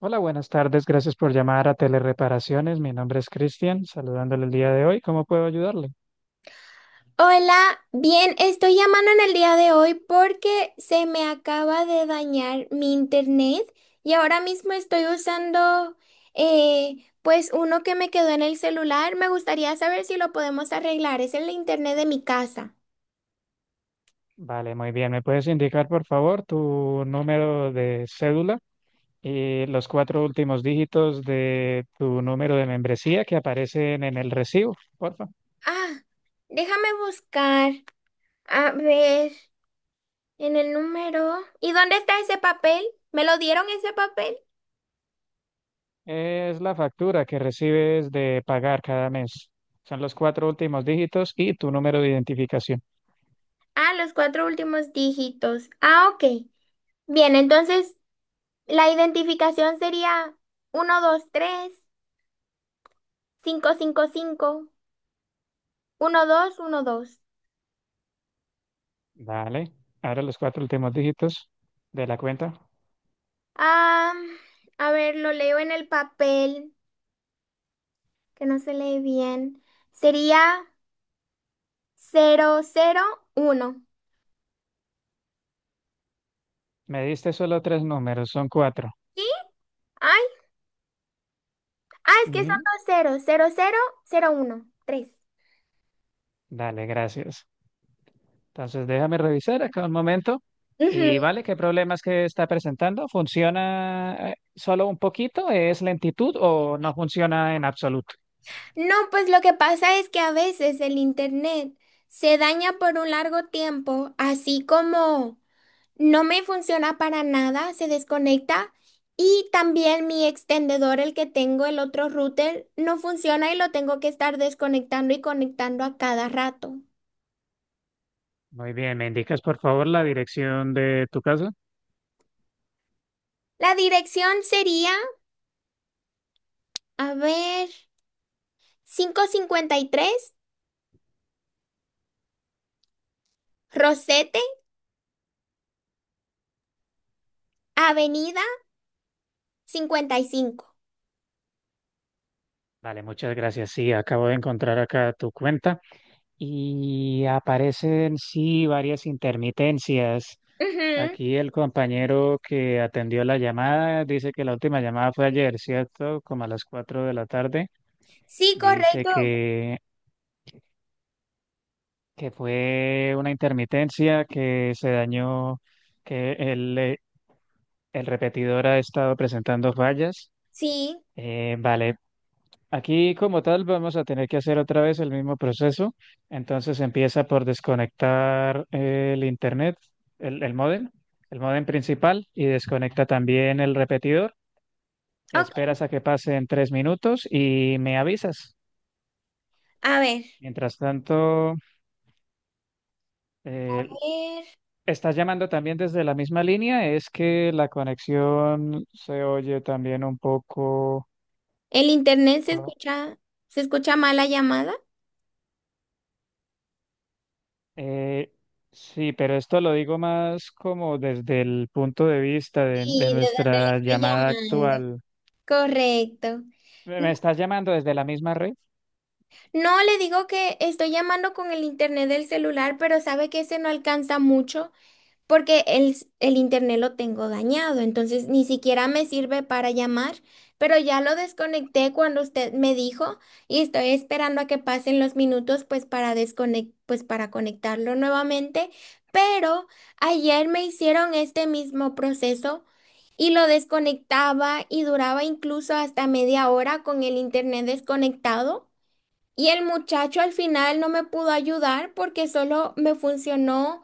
Hola, buenas tardes. Gracias por llamar a Telereparaciones. Mi nombre es Cristian, saludándole el día de hoy. ¿Cómo puedo ayudarle? Hola, bien, estoy llamando en el día de hoy porque se me acaba de dañar mi internet y ahora mismo estoy usando pues uno que me quedó en el celular. Me gustaría saber si lo podemos arreglar. Es el internet de mi casa. Vale, muy bien. ¿Me puedes indicar, por favor, tu número de cédula y los cuatro últimos dígitos de tu número de membresía que aparecen en el recibo, porfa? Ah, déjame buscar. A ver, en el número. ¿Y dónde está ese papel? ¿Me lo dieron ese papel? Es la factura que recibes de pagar cada mes. Son los cuatro últimos dígitos y tu número de identificación. Ah, los cuatro últimos dígitos. Ah, ok. Bien, entonces, la identificación sería uno dos tres cinco cinco cinco uno dos uno dos. Vale. Ahora los cuatro últimos dígitos de la cuenta. Ah, a ver, lo leo en el papel, que no se lee bien. Sería cero cero uno. Me diste solo tres números, son cuatro. ¿Sí? Ay, ah, es que son Ujú. dos ceros, cero cero cero uno tres. Dale, gracias. Entonces, déjame revisar acá un momento. Ujú. Y vale, ¿qué problemas que está presentando? ¿Funciona solo un poquito? ¿Es lentitud o no funciona en absoluto? No, pues lo que pasa es que a veces el internet se daña por un largo tiempo, así como no me funciona para nada, se desconecta. Y también mi extendedor, el que tengo, el otro router, no funciona y lo tengo que estar desconectando y conectando a cada rato. Muy bien, ¿me indicas por favor la dirección de tu casa? La dirección sería, a ver, 553 Rosete, Avenida 55. Vale, muchas gracias. Sí, acabo de encontrar acá tu cuenta y aparecen, sí, varias intermitencias. Ujú. Aquí el compañero que atendió la llamada dice que la última llamada fue ayer, ¿cierto? Como a las 4 de la tarde. Sí, Dice correcto. Que fue una intermitencia que se dañó, que el repetidor ha estado presentando fallas. Sí, Vale, aquí como tal vamos a tener que hacer otra vez el mismo proceso. Entonces empieza por desconectar el internet, el módem, el módem principal y desconecta también el repetidor. ok. Esperas a que pasen 3 minutos y me avisas. A ver, Mientras tanto, a eh, ver, estás llamando también desde la misma línea, es que la conexión se oye también un poco. ¿el internet ¿No? Se escucha mal la llamada? Eh, sí, pero esto lo digo más como desde el punto de vista de Sí, ¿de dónde nuestra le estoy llamada llamando? actual. Correcto. ¿Me estás llamando desde la misma red? No, le digo que estoy llamando con el internet del celular, pero sabe que ese no alcanza mucho porque el internet lo tengo dañado, entonces ni siquiera me sirve para llamar, pero ya lo desconecté cuando usted me dijo y estoy esperando a que pasen los minutos pues para conectarlo nuevamente, pero ayer me hicieron este mismo proceso y lo desconectaba y duraba incluso hasta media hora con el internet desconectado. Y el muchacho al final no me pudo ayudar porque solo me funcionó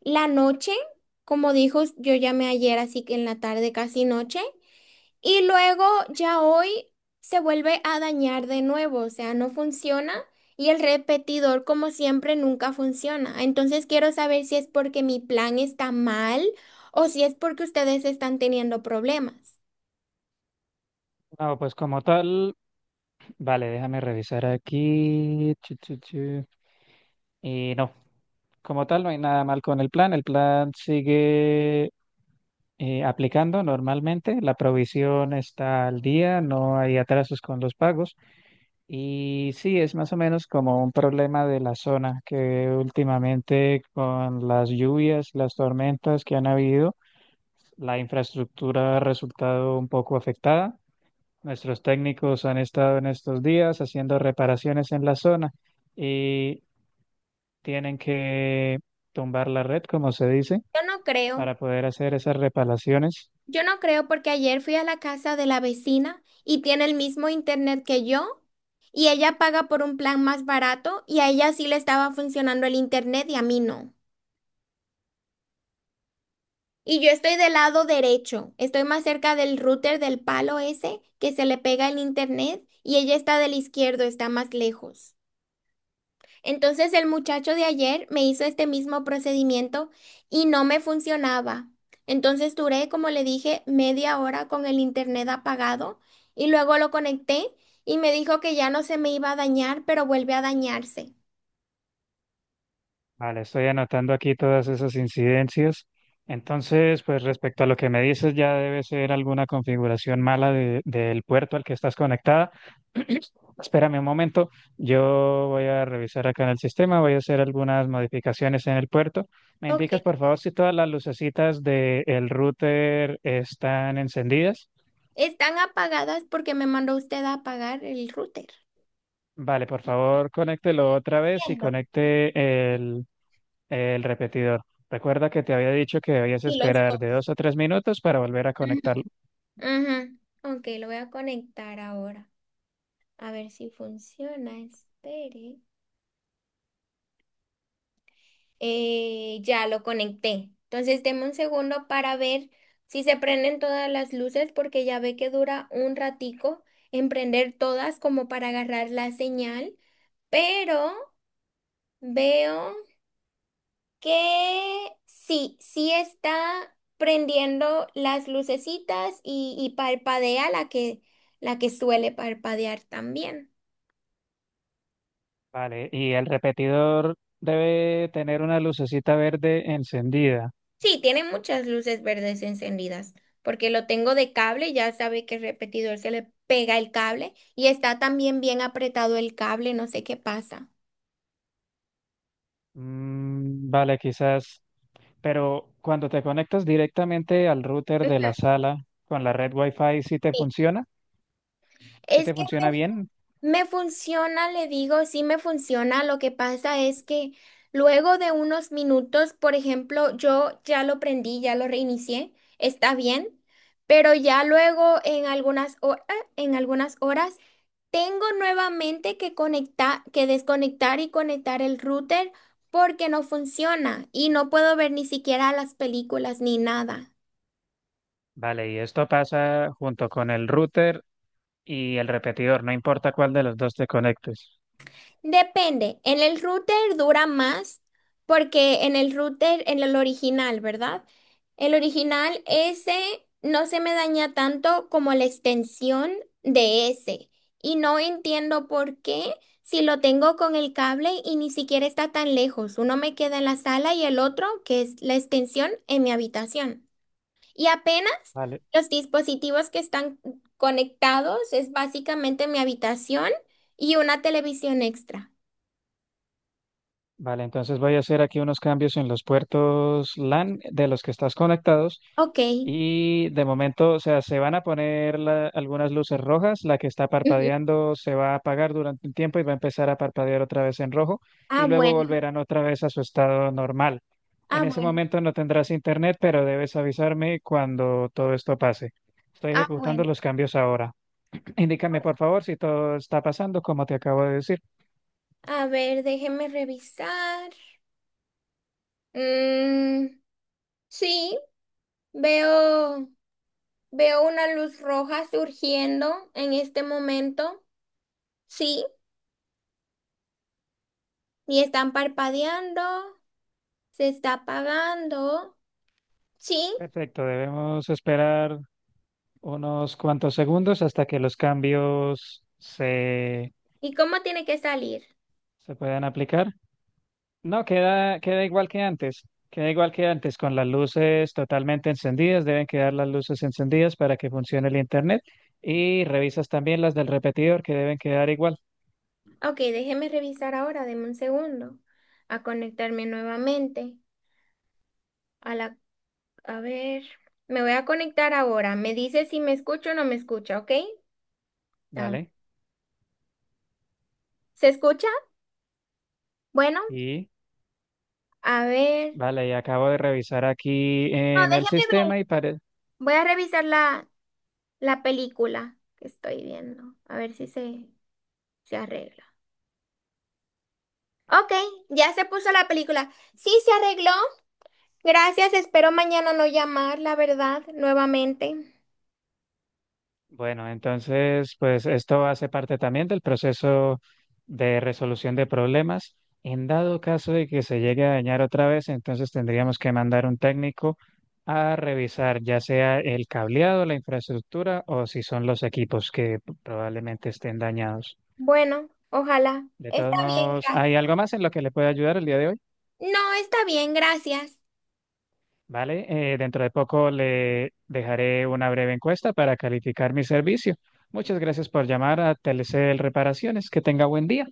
la noche, como dijo, yo llamé ayer, así que en la tarde casi noche. Y luego ya hoy se vuelve a dañar de nuevo, o sea, no funciona. Y el repetidor, como siempre, nunca funciona. Entonces quiero saber si es porque mi plan está mal o si es porque ustedes están teniendo problemas. No, pues como tal, vale, déjame revisar aquí. Chu, chu, chu. Y no, como tal no hay nada mal con el plan sigue aplicando normalmente. La provisión está al día, no hay atrasos con los pagos. Y sí, es más o menos como un problema de la zona que últimamente con las lluvias, las tormentas que han habido, la infraestructura ha resultado un poco afectada. Nuestros técnicos han estado en estos días haciendo reparaciones en la zona y tienen que tumbar la red, como se dice, Yo no creo. para poder hacer esas reparaciones. Yo no creo porque ayer fui a la casa de la vecina y tiene el mismo internet que yo y ella paga por un plan más barato y a ella sí le estaba funcionando el internet y a mí no. Y yo estoy del lado derecho, estoy más cerca del router, del palo ese que se le pega el internet, y ella está del izquierdo, está más lejos. Entonces el muchacho de ayer me hizo este mismo procedimiento y no me funcionaba. Entonces duré, como le dije, media hora con el internet apagado y luego lo conecté y me dijo que ya no se me iba a dañar, pero vuelve a dañarse. Vale, estoy anotando aquí todas esas incidencias. Entonces, pues respecto a lo que me dices, ya debe ser alguna configuración mala de- del puerto al que estás conectada. Espérame un momento, yo voy a revisar acá en el sistema, voy a hacer algunas modificaciones en el puerto. ¿Me Ok. indicas, por favor, si todas las lucecitas del router están encendidas? Están apagadas porque me mandó usted a apagar el router. Vale, por favor, conéctelo otra vez y Entiendo. conecte el repetidor. Recuerda que te había dicho que debías Y los esperar dos. de 2 a 3 minutos para volver a conectarlo. Ujú. Ujú. Ok, lo voy a conectar ahora. A ver si funciona. Espere. Ya lo conecté. Entonces, deme un segundo para ver si se prenden todas las luces, porque ya ve que dura un ratico en prender todas como para agarrar la señal. Pero veo que sí, sí está prendiendo las lucecitas y parpadea la que suele parpadear también. Vale, y el repetidor debe tener una lucecita verde encendida. Sí, tiene muchas luces verdes encendidas, porque lo tengo de cable, ya sabe que el repetidor se le pega el cable y está también bien apretado el cable, no sé qué pasa. Mm, vale, quizás. Pero cuando te conectas directamente al router de la sala con la red Wi-Fi, ¿sí te Sí, funciona? ¿Sí es te que funciona bien? me funciona, le digo, sí me funciona. Lo que pasa es que luego de unos minutos, por ejemplo, yo ya lo prendí, ya lo reinicié, está bien, pero ya luego en algunas horas, en algunas horas tengo nuevamente que conectar, que desconectar y conectar el router porque no funciona y no puedo ver ni siquiera las películas ni nada. Vale, y esto pasa junto con el router y el repetidor, no importa cuál de los dos te conectes. Depende, en el router dura más porque en el router, en el original, ¿verdad? El original ese no se me daña tanto como la extensión de ese. Y no entiendo por qué, si lo tengo con el cable y ni siquiera está tan lejos. Uno me queda en la sala y el otro, que es la extensión, en mi habitación. Y apenas Vale, los dispositivos que están conectados es básicamente mi habitación y una televisión extra. vale, entonces voy a hacer aquí unos cambios en los puertos LAN de los que estás conectados Ok. y de momento, o sea, se van a poner la- algunas luces rojas, la que está Ujú. parpadeando se va a apagar durante un tiempo y va a empezar a parpadear otra vez en rojo y Ah, luego bueno, volverán otra vez a su estado normal. En ah, ese bueno, momento no tendrás internet, pero debes avisarme cuando todo esto pase. Estoy ah, ejecutando bueno. los cambios ahora. Indícame, por favor, si todo está pasando como te acabo de decir. A ver, déjeme revisar. Mm, sí, veo, veo una luz roja surgiendo en este momento. Sí, y están parpadeando, se está apagando. Sí, Perfecto, debemos esperar unos cuantos segundos hasta que los cambios se, ¿y cómo tiene que salir? se puedan aplicar. No, queda, queda igual que antes. Queda igual que antes, con las luces totalmente encendidas. Deben quedar las luces encendidas para que funcione el internet. Y revisas también las del repetidor, que deben quedar igual. Ok, déjeme revisar ahora, deme un segundo, a conectarme nuevamente a la A Ver, me voy a conectar ahora. Me dice si me escucho o no me escucha, ¿ok? A ver. Vale, ¿Se escucha? Bueno, y a ver. vale, y acabo de revisar aquí No, en el déjeme ver. sistema y parece. Voy a revisar la película que estoy viendo. A ver si se arregla. Ok, ya se puso la película. Sí, se arregló. Gracias, espero mañana no llamar, la verdad, nuevamente. Bueno, entonces, pues esto hace parte también del proceso de resolución de problemas. En dado caso de que se llegue a dañar otra vez, entonces tendríamos que mandar un técnico a revisar ya sea el cableado, la infraestructura o si son los equipos que probablemente estén dañados. Bueno, ojalá. De todos Está bien, modos, ¿hay gracias. algo más en lo que le pueda ayudar el día de hoy? No, está bien, gracias. Vale, dentro de poco le dejaré una breve encuesta para calificar mi servicio. Muchas gracias por llamar a Telecel Reparaciones. Que tenga buen día.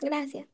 Gracias.